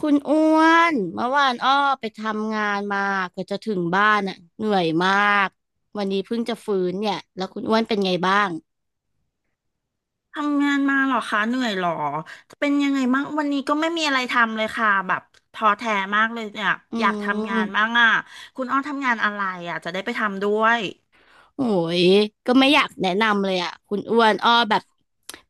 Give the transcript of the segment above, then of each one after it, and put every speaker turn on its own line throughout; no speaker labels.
คุณอ้วนเมื่อวานอ้อไปทำงานมากว่าจะถึงบ้านอ่ะเหนื่อยมากวันนี้เพิ่งจะฟื้นเนี่ยแล้วคุณอ้วนเป็นไงบ้าง
ทำงานมาเหรอคะเหนื่อยเหรอเป็นยังไงบ้างวันนี้ก็ไม่มีอะไรทำเลยค่ะแบบท้อแท้มากเลยเนี่ย
อื
อยากทำงานบ้า
ม
งอ่ะคุณอ้อทำงานอะไรอ่ะจะได้ไปทำด้วย
โอ้ยก็ไม่อยากแนะนำเลยอ่ะคุณอ้วนอ้อแบบ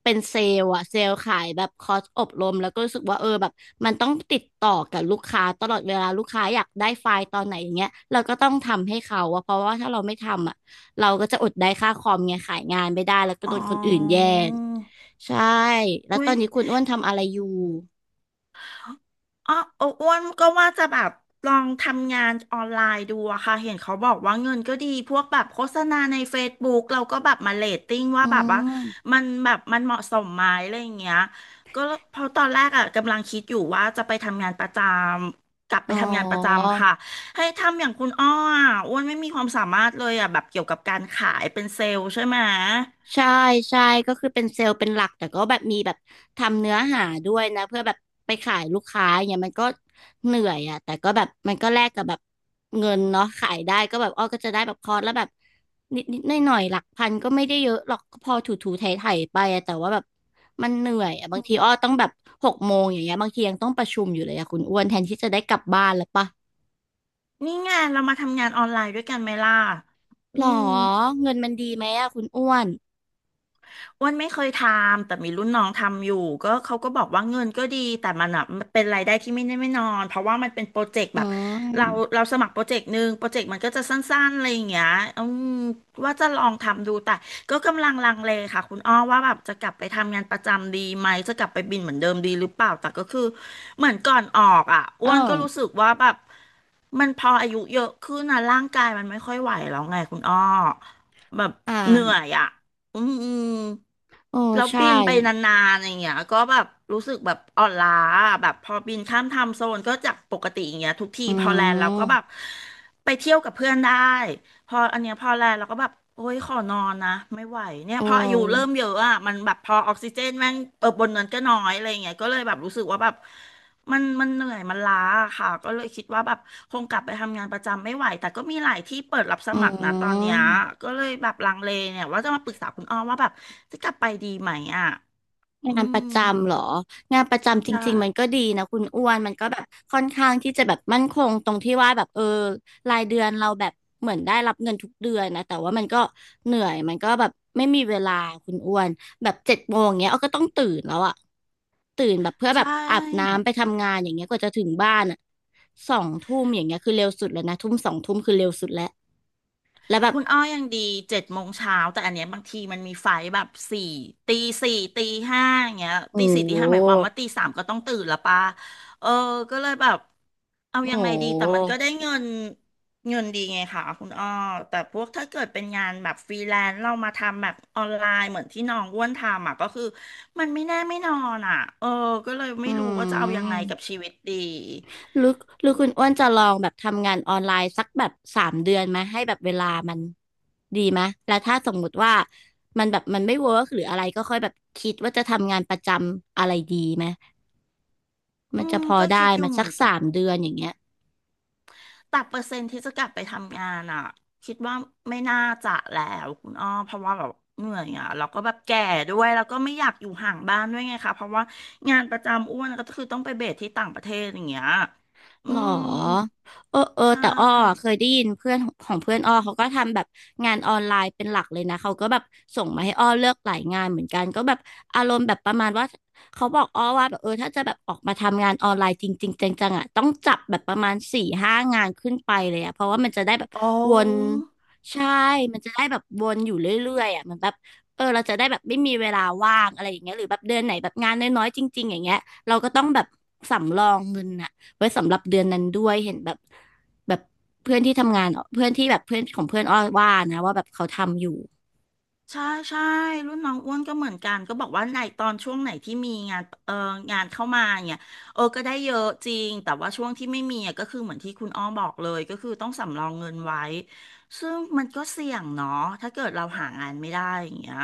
เป็นเซลล์อ่ะเซลล์ขายแบบคอร์สอบรมแล้วก็รู้สึกว่าเออแบบมันต้องติดต่อกับลูกค้าตลอดเวลาลูกค้าอยากได้ไฟล์ตอนไหนอย่างเงี้ยเราก็ต้องทำให้เขาอะเพราะว่าถ้าเราไม่ทำอ่ะเราก็จะอดได้ค่าคอมไงขายงานไม่ได้แล้วก็
อ๋อ
โดนคนอื่นแย่งใช่แล้วต
อุ้
อ
ย
นนี้คุณอ้วนทำอะไรอยู่
อ๋ออ้วนก็ว่าจะแบบลองทำงานออนไลน์ดูอะค่ะเห็นเขาบอกว่าเงินก็ดีพวกแบบโฆษณาในเฟซบุ o กเราก็แบบมาเรตติ้งว่า
อื
แบบว่า
ม
มันแบบมันเหมาะสมไหมอะไรอย่างเงี้ยก็เพราะตอนแรกอะกำลังคิดอยู่ว่าจะไปทำงานประจำกลับไป
อ๋อ
ทำงานประจำค่ะให้ทำอย่างคุณอ้ออะอ้วนไม่มีความสามารถเลยอะแบบเกี่ยวกับการขายเป็นเซลล์ใช่ไหม
ใช่ใช่ก็คือเป็นเซลล์เป็นหลักแต่ก็แบบมีแบบทำเนื้อหาด้วยนะเพื่อแบบไปขายลูกค้าอย่างเงี้ยมันก็เหนื่อยอ่ะแต่ก็แบบมันก็แลกกับแบบเงินเนาะขายได้ก็แบบอ้อก็จะได้แบบคอร์สแล้วแบบนิดนิดหน่อยหน่อยๆหลักพันก็ไม่ได้เยอะหรอกก็พอถูถูไถไถไปอะแต่ว่าแบบมันเหนื่อยอ่ะบางทีอ้อต้องแบบ6 โมงอย่างเงี้ยบางทียังต้องประชุมอยู่เลยอ่ะคุณอ้วนแทนที่จะได้กลับบ้านแล้วปะ
นี่ไงเรามาทำงานออนไลน์ด้วยกันไหมล่ะอื
หรอ
ม
เงินมันดีไหมอ่ะคุณอ้วน
อ้วนไม่เคยทำแต่มีรุ่นน้องทำอยู่ก็เขาก็บอกว่าเงินก็ดีแต่มันอ่ะมันเป็นรายได้ที่ไม่แน่ไม่นอนเพราะว่ามันเป็นโปรเจกต์
อื
แบบ
ม
เราเราสมัครโปรเจกต์หนึ่งโปรเจกต์มันก็จะสั้นๆอะไรอย่างเงี้ยอืมว่าจะลองทำดูแต่ก็กำลังลังเลค่ะคุณอ้อว่าแบบจะกลับไปทำงานประจำดีไหมจะกลับไปบินเหมือนเดิมดีหรือเปล่าแต่ก็คือเหมือนก่อนออกอ่ะ
เอ
อ้วนก็
อ
รู้สึกว่าแบบมันพออายุเยอะขึ้นนะร่างกายมันไม่ค่อยไหวแล้วไงคุณอ้อแบบ
อ่
เหนื่อ
า
ยอ่ะ อืมอืม
โอ้
แล้ว
ใช่
บินไปนานๆอย่างเงี้ยก็แบบรู้สึกแบบอ่อนล้าอะแบบพอบินข้ามไทม์โซนก็จากปกติอย่างเงี้ยทุกที
อื
พอแลนด์เราก็แบบ
ม
ไปเที่ยวกับเพื่อนได้พออันเนี้ยพอแลนด์เราก็แบบโอ้ยขอนอนนะไม่ไหวเนี่ย
โอ้
พออายุเริ่มเยอะอ่ะมันแบบพอออกซิเจนแม่งเออบนนั้นก็น้อยอะไรอย่างเงี้ยก็เลยแบบรู้สึกว่าแบบ มันเหนื่อยมันล้าอะค่ะก็เลยคิดว่าแบบคงกลับไปทำงานประจำไม่ไหวแต่ก็มีหลายที่เปิดรับส
อื
มัครนะตอนเนี้ย
ม
ก็เลยแบบลังเลเนี่ยว่าจะมาปรึกษาคุณอ้อว่าแบบจะกลับไปดีไหมอ่ะอื
งานป
ม
ระจำเหรองานประจำจ
ใช่
ริงๆมันก็ดีนะคุณอ้วนมันก็แบบค่อนข้างที่จะแบบมั่นคงตรงที่ว่าแบบเออรายเดือนเราแบบเหมือนได้รับเงินทุกเดือนนะแต่ว่ามันก็เหนื่อยมันก็แบบไม่มีเวลาคุณอ้วนแบบ7 โมงเงี้ยเอาก็ต้องตื่นแล้วอะตื่นแบบเพื่อแบ
ใช่
บอาบน้ำไปทำงานอย่างเงี้ยกว่าจะถึงบ้านอะสองทุ่มอย่างเงี้ยคือเร็วสุดแล้วนะทุ่มสองทุ่มคือเร็วสุดแล้วแล้วแบบ
คุณอ้อยังดีเจ็ดโมงเช้าแต่อันเนี้ยบางทีมันมีไฟล์แบบสี่ตีสี่ตีห้าอย่างเงี้ย
โอ้
ตีสี่ตี
โห
ห้าหมายความว่าตีสามก็ต้องตื่นละป่ะเออก็เลยแบบเอา
โอ้
ยังไงดี
โห
แต่มันก็ได้เงินเงินดีไงค่ะคุณอ้อแต่พวกถ้าเกิดเป็นงานแบบฟรีแลนซ์เรามาทำแบบออนไลน์เหมือนที่น้องอ้วนทำอ่ะก็คือมันไม่แน่ไม่นอนอ่ะเออก็เลยไม่
อื
รู้ว่าจะเอายังไงกับ
ม
ชีวิตดี
หรือหรือคุณอ้วนจะลองแบบทำงานออนไลน์สักแบบสามเดือนไหมให้แบบเวลามันดีไหมแล้วถ้าสมมุติว่ามันแบบมันไม่เวิร์กหรืออะไรก็ค่อยแบบคิดว่าจะทำงานประจำอะไรดีไหมมั
อื
นจะ
ม
พอ
ก็
ได้
คิดอ
ไหม
ยู่เห
สั
มื
ก
อนกัน
สามเดือนอย่างเงี้ย
แต่เปอร์เซ็นต์ที่จะกลับไปทำงานอ่ะคิดว่าไม่น่าจะแล้วคุณอ้อเพราะว่าแบบเหนื่อยอ่ะแล้วก็แบบแก่ด้วยแล้วก็ไม่อยากอยู่ห่างบ้านด้วยไงคะเพราะว่างานประจำอ้วนก็คือต้องไปเบสที่ต่างประเทศอย่างเงี้ยอื
หร
ม
อเออเออ
ใช
แต่อ้อเค
่
ยได้ยินเพื่อนของเพื่อนอ้อเขาก็ทำแบบงานออนไลน์เป็นหลักเลยนะเขาก็แบบส่งมาให้อ้อเลือกหลายงานเหมือนกันก็แบบอารมณ์แบบประมาณว่าเขาบอกอ้อว่าแบบเออถ้าจะแบบออกมาทำงานออนไลน์จริงๆจังๆอ่ะต้องจับแบบประมาณสี่ห้างานขึ้นไปเลยอ่ะเพราะว่ามันจะได้แบบ
อ๋
วน
อ
ใช่มันจะได้แบบวนอยู่เรื่อยๆอ่ะมันแบบเออเราจะได้แบบไม่มีเวลาว่างอะไรอย่างเงี้ยหรือแบบเดือนไหนแบบงานน้อยๆจริงๆอย่างเงี้ยเราก็ต้องแบบสำรองเงินอะ ไว้สำหรับเดือนนั้นด้วยเห็นแบบแบบเพื่อนที่ทำงานเพื่อนที่แบบเพื่อนของเพื่อนอ้อว่านะว่าแบบเขาทำอยู่
ใช่ใช่รุ่นน้องอ้วนก็เหมือนกันก็บอกว่าในตอนช่วงไหนที่มีงานเอองานเข้ามาเนี่ยเออก็ได้เยอะจริงแต่ว่าช่วงที่ไม่มีอะก็คือเหมือนที่คุณอ้อบอกเลยก็คือต้องสำรองเงินไว้ซึ่งมันก็เสี่ยงเนาะถ้าเกิดเราหางานไม่ได้อย่างเงี้ย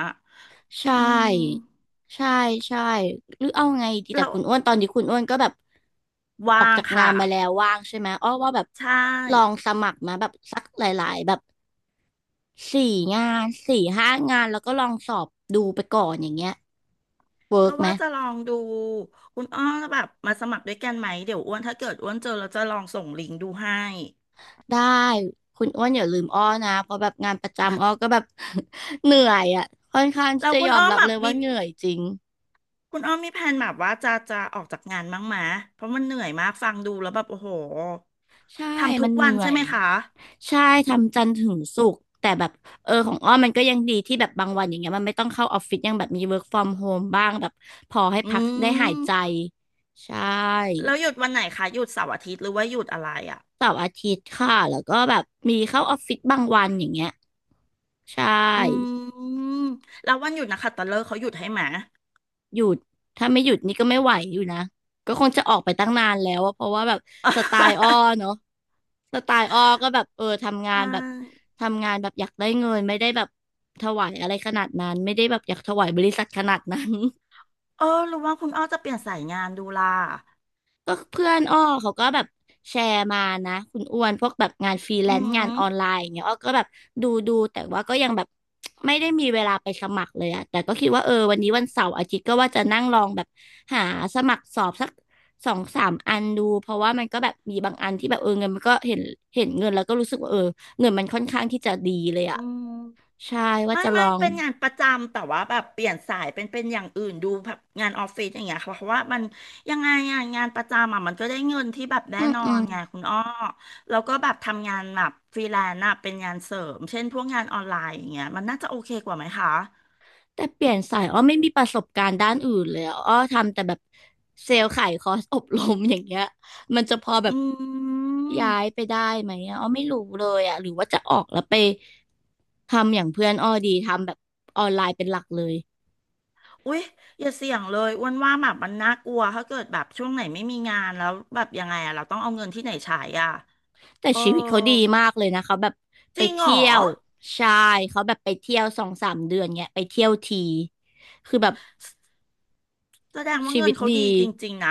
ใช
อืม
่ใช่ใช่หรือเอาไงดีแต่
เรา
คุณอ้วนตอนนี้คุณอ้วนก็แบบออ
วา
ก
ง
จากงา
ค่ะ
นมาแล้วว่างใช่ไหมอ้อว่าแบบ
ใช่
ลองสมัครมาแบบสักหลายๆแบบสี่สี่ห้างานแล้วก็ลองสอบดูไปก่อนอย่างเงี้ยเวิ
ก็
ร์กไหม
ว่าจะลองดูคุณอ้อแบบมาสมัครด้วยกันไหมเดี๋ยวอ้วนถ้าเกิดอ้วนเจอแล้วจะลองส่งลิงก์ดูให้
ได้คุณอ้วนอย่าลืมอ้อนะเพราะแบบงานประจำอ้อก็แบบ เหนื่อยอ่ะค่อนข้างที่
แล้ว
จะ
คุ
ย
ณ
อม
อ้อม
รับ
แบ
เล
บ
ยว่า
มี
เหนื่อยจริง
คุณอ้อมมีแผนแบบว่าจะออกจากงานบ้างไหมเพราะมันเหนื่อยมากฟังดูแล้วแบบโอ้โห
ใช่
ทำทุ
มั
ก
นเห
วัน
นื่อ
ใช่
ย
ไหมคะ
ใช่ทำจันทร์ถึงศุกร์แต่แบบเออของอ้อมันก็ยังดีที่แบบบางวันอย่างเงี้ยมันไม่ต้องเข้าออฟฟิศยังแบบมี work from home บ้างแบบพอให้
อื
พักได้หาย
ม
ใจใช่
แล้วหยุดวันไหนคะหยุดเสาร์อาทิตย์หรือว่าหยุดอะไรอ่ะ
เสาร์อาทิตย์ค่ะแล้วก็แบบมีเข้าออฟฟิศบางวันอย่างเงี้ยใช่
อืม แล้ววันหยุดนะคะตะเลิกษ์เขาหยุดให้ไหม
หยุดถ้าไม่หยุดนี่ก็ไม่ไหวอยู่นะก็คงจะออกไปตั้งนานแล้วอะเพราะว่าแบบสไตล์อ้อ เนาะสไตล์อ้อก็แบบเออ
อ่า
ทำงานแบบอยากได้เงินไม่ได้แบบถวายอะไรขนาดนั้นไม่ได้แบบอยากถวายบริษัทขนาดนั้น
เออหรือว่าคุณอ้อจะเปลี่ยนสายงานดูล่ะ
ก็เพื่อนอ้อเขาก็แบบแชร์มานะคุณอ้วนพวกแบบงานฟรีแล
อื
นซ์งานออนไล
ม
น์อย่างเงี้ยอ้อก็แบบดูแต่ว่าก็ยังแบบไม่ได้มีเวลาไปสมัครเลยอะแต่ก็คิดว่าเออวันนี้วันเสาร์อาทิตย์ก็ว่าจะนั่งลองแบบหาสมัครสอบสักสองสามอันดูเพราะว่ามันก็แบบมีบางอันที่แบบเออเงินมันก็เห็นเงินแล้วก็รู้สึกว่าเออเงินมันค่อนข้างที่จะดีเลยอะ
อืม
ใช่ว่า
ไม่
จะล
ไม่
อง
เป็นงานประจำแต่ว่าแบบเปลี่ยนสายเป็นอย่างอื่นดูแบบงานออฟฟิศอย่างเงี้ยค่ะเพราะว่ามันยังไงอ่ะงานประจำอ่ะมันก็ได้เงินที่แบบแน่
อืม
นอ
อื
น
ม
ไงคุณอ้อแล้วก็แบบทำงานแบบฟรีแลนซ์อะเป็นงานเสริมเช่นพวกงานออนไลน์อย่างเงี้ยมันน่าจะโอเคกว่าไหมคะ
แต่เปลี่ยนสายอ้อไม่มีประสบการณ์ด้านอื่นเลยอะอ้อทำแต่แบบเซลล์ขายคอร์สอบรมอย่างเงี้ยมันจะพอแบบ
อื
ย้าย
ม
ไปได้ไหมอะอ้อไม่รู้เลยอะหรือว่าจะออกแล้วไปทำอย่างเพื่อนอ้อดีทำแบบออนไลน์เป็นหลักเลย
อุ๊ยอย่าเสี่ยงเลยอ้วนว่าแบบมันน่ากลัวถ้าเกิดแบบช่วงไหนไม่มีงานแล้วแบบยังไงอ่ะเราต้องเอาเงินที่ไหนใช้อ่ะ
แต่
เออ
ชีวิตเขาดีมากเลยนะเขาแบบ
จ
ไป
ริงเหร
เที่
อ
ยวใช่เขาแบบไปเที่ยวสองสามเดือนเงี้ยไปเที่ยวทีคือแบบ
แสดงว่า
ชี
เงิ
วิ
น
ต
เขาดี
ดี
จริงๆนะ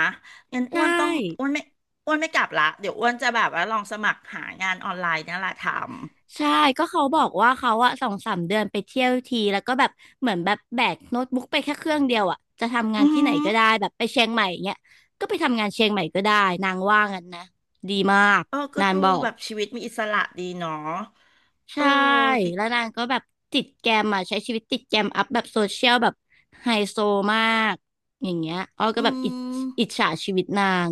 งั้น
ใช่
อ้วนต้องอ้วนไม่อ้วนไม่กลับละเดี๋ยวอ้วนจะแบบว่าลองสมัครหางานออนไลน์นี่แหละทำ
ใช่ก็เขาบอกว่าเขาอะสองสามเดือนไปเที่ยวทีแล้วก็แบบเหมือนแบบแบกโน้ตบุ๊กไปแค่เครื่องเดียวอะจะทำงาน
อือ
ที่
หื
ไหน
อ
ก็ได้แบบไปเชียงใหม่เงี้ยก็ไปทำงานเชียงใหม่ก็ได้นางว่างั้นนะดีมาก
เออก็
นาง
ดู
บอก
แบบชีวิตมีอิสระดีเนาะเอ
ใช่
อดี
แล้วนางก็แบบติดแกรมอะใช้ชีวิตติดแกรมอัพแบบโซเชียลแบบไฮโซมากอย่างเงี้ยอ้อก็
อื
แบบอิจ
ม
ฉาชีวิตนาง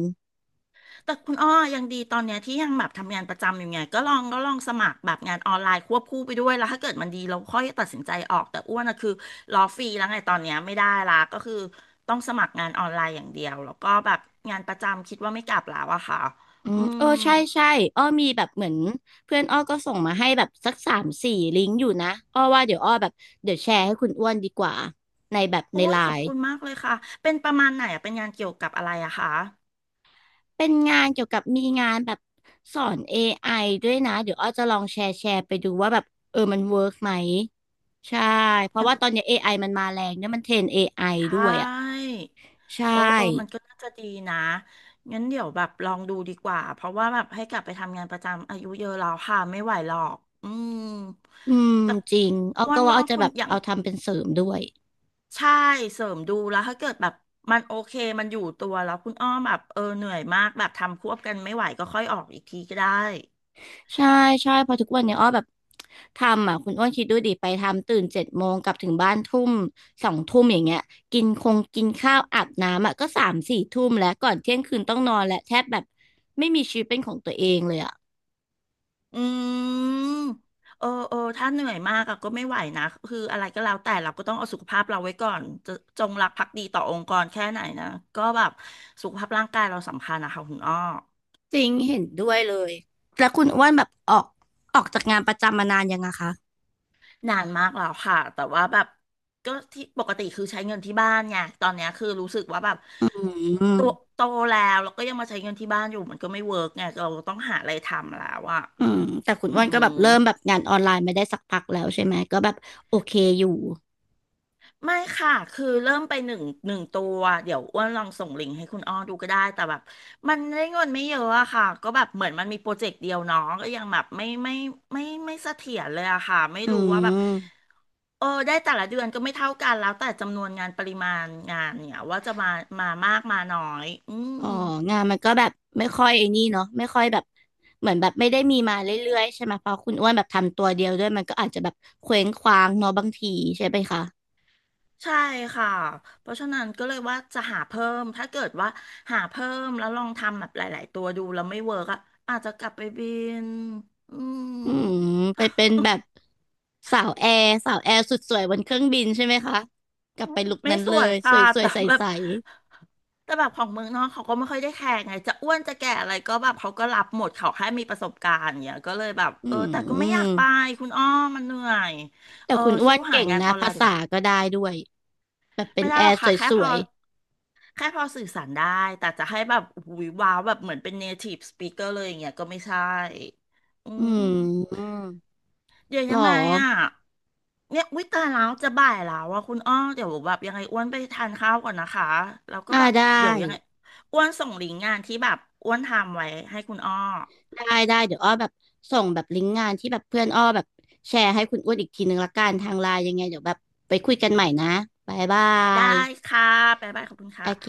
แต่คุณอ้อยังดีตอนเนี้ยที่ยังแบบทำงานประจำอยู่ไงก็ลองสมัครแบบงานออนไลน์ควบคู่ไปด้วยแล้วถ้าเกิดมันดีเราค่อยตัดสินใจออกแต่อ้วนอะคือรอฟรีแล้วไงตอนเนี้ยไม่ได้ละก็คือต้องสมัครงานออนไลน์อย่างเดียวแล้วก็แบบงานประจำคิดว่าไม่กลับแล้วอะค่ะ
อื
อื
มเอ
ม
อใช่ใช่อ้อมีแบบเหมือนเพื่อนอ้อก็ส่งมาให้แบบสักสามสี่ลิงก์อยู่นะอ้อว่าเดี๋ยวอ้อแบบเดี๋ยวแชร์ให้คุณอ้วนดีกว่าในแบบ
โอ้
ใน
ย
ไล
ขอบ
น์
คุณมากเลยค่ะเป็นประมาณไหนอะเป็นงานเกี่ยวกับอะไรอะคะ
เป็นงานเกี่ยวกับมีงานแบบสอน AI ด้วยนะเดี๋ยวอ้อจะลองแชร์ไปดูว่าแบบเออมันเวิร์กไหมใช่เพราะว่าตอนเนี้ย AI มันมาแรงเนี่ยมันเทรน AI ด้
ใช่
วยอ่ะใช่
เออเออมันก็น่าจะดีนะงั้นเดี๋ยวแบบลองดูดีกว่าเพราะว่าแบบให้กลับไปทำงานประจำอายุเยอะแล้วค่ะไม่ไหวหรอกอืม
อืม
แต่
จริงอ้อ
อ้ว
ก็
น
ว่า
ว่า
อ้อจะ
คุ
แบ
ณ
บ
อย่าง
เอาทำเป็นเสริมด้วย
ใช่เสริมดูแล้วถ้าเกิดแบบมันโอเคมันอยู่ตัวแล้วคุณอ้อมแบบเออเหนื่อยมากแบบทำควบกันไม่ไหวก็ค่อยออกอีกทีก็ได้
ใช่ใช่เพอทุกวันเนี่ยอ้อแบบทำอ่ะคุณอ้วนคิดดูดิไปทำตื่นเจ็ดโมงกลับถึงบ้านทุ่มสองทุ่มอย่างเงี้ยกินคงกินข้าวอาบน้ำอ่ะก็สามสี่ทุ่มแล้วก่อนเที่ยงคืนต้องนอนและแทบแบบไม่มีชีวิตเป็นของตัวเองเลยอ่ะ
อืมเออเออถ้าเหนื่อยมากอะก็ไม่ไหวนะคืออะไรก็แล้วแต่เราก็ต้องเอาสุขภาพเราไว้ก่อนจะจงรักภักดีต่อองค์กรแค่ไหนนะก็แบบสุขภาพร่างกายเราสำคัญนะคะคุณอ้อ
จริงเห็นด้วยเลยแล้วคุณอ้วนแบบออกจากงานประจำมานานยังอะคะ
นานมากแล้วค่ะแต่ว่าแบบก็ที่ปกติคือใช้เงินที่บ้านไงตอนเนี้ยคือรู้สึกว่าแบบ
อืม
โตโตแล้วแล้วก็ยังมาใช้เงินที่บ้านอยู่มันก็ไม่เวิร์กไงเราต้องหาอะไรทำแล้วอะ
อืมแต่คุณ
อื
อ้วนก็แบ
ม
บเริ่มแบบงานออนไลน์ไม่ได้สักพักแล้วใช่ไหมก็แบบโอเคอยู่
ไม่ค่ะ คือเริ่มไปหนึ่งตัว เดี๋ยวอ้วนลองส่งลิงก์ให้คุณอ้อดูก็ได้ แต่แบบมันได้เงินไม่เยอะอะค่ะ ก็แบบเหมือนมันมีโปรเจกต์เดียวเน้องก็ยังแบบไม่เสถียรเลยอะค่ะ ไม่
อื
รู้ว่าแบบ
ม
เออได้แต่ละเดือนก็ไม่เท่ากันแล้วแต่จำนวนงานปริมาณงานเนี่ยว่าจะมามากมาน้อยอื
อ๋อ
ม
งานมันก็แบบไม่ค่อยไอ้นี่เนาะไม่ค่อยแบบเหมือนแบบไม่ได้มีมาเรื่อยๆใช่ไหมเพราะคุณอ้วนแบบทำตัวเดียวด้วยมันก็อาจจะแบบเคว้งคว้างเนาะบางทีใช่ไหมคะ
ใช่ค่ะเพราะฉะนั้นก็เลยว่าจะหาเพิ่มถ้าเกิดว่าหาเพิ่มแล้วลองทำแบบหลายๆตัวดูแล้วไม่เวิร์กอะอาจจะกลับไปบินอืม
อืมไปเป็นแบบ สาวแอร์สุดสวยบนเครื่องบินใช่ไหมคะกลับไปลุค
ไม่
นั้น
ส
เล
วย
ยส
ค่ะ
วยสวย
แต่
ใ
แบ
ส
บแต่แบบของเมืองนอกเขาก็ไม่ค่อยได้แคร์ไงจะอ้วนจะแก่อะไรก็แบบเขาก็รับหมดเขาแค่มีประสบการณ์อย่างเงี้ยก็เลยแบบ
ๆอื
เออแต่ก็ไม่อยาก
ม
ไปคุณอ้อมันเหนื่อย
แต่
เออ
คุณอ้ว
สู้
น
หา
เก่ง
งาน
นะ
ออนไล
ภา
น์ดีก
ษา
ว่า
ก็ได้ด้วยแบบเป็น
ไม่ได้
แอ
หรอก
ร์
ค่ะแค่
ส
พ
ว
อ
ย
แค่พอสื่อสารได้ แต่จะให้แบบอุ๊ยว้าวแบบเหมือนเป็น native speaker เลยอย่างเงี้ยก็ไม่ใช่อื
ๆอื
ม
ม
เดี๋ยว
หร
ยั
อ
งไงอ่ะเนี่ยวิตายแล้วจะบ่ายแล้วว่าคุณอ้อ เดี๋ยวแบบยังไงอ้วนไปทานข้าวก่อนนะคะ แล้วก็
อ่า
แบบ
ได้
เดี๋ยวยังไงอ้วนส่งลิงก์งานที่แบบอ้วนทำไว้ให้คุณอ้อ
ได้ได้เดี๋ยวอ้อแบบส่งแบบลิงก์งานที่แบบเพื่อนอ้อแบบแชร์ให้คุณอ้วนอีกทีนึงละกันทางไลน์ยังไงเดี๋ยวแบบไปคุยกันใหม่นะบายบาย
ได้ค่ะบ๊ายบายขอบคุณ
โอ
ค่ะ
เค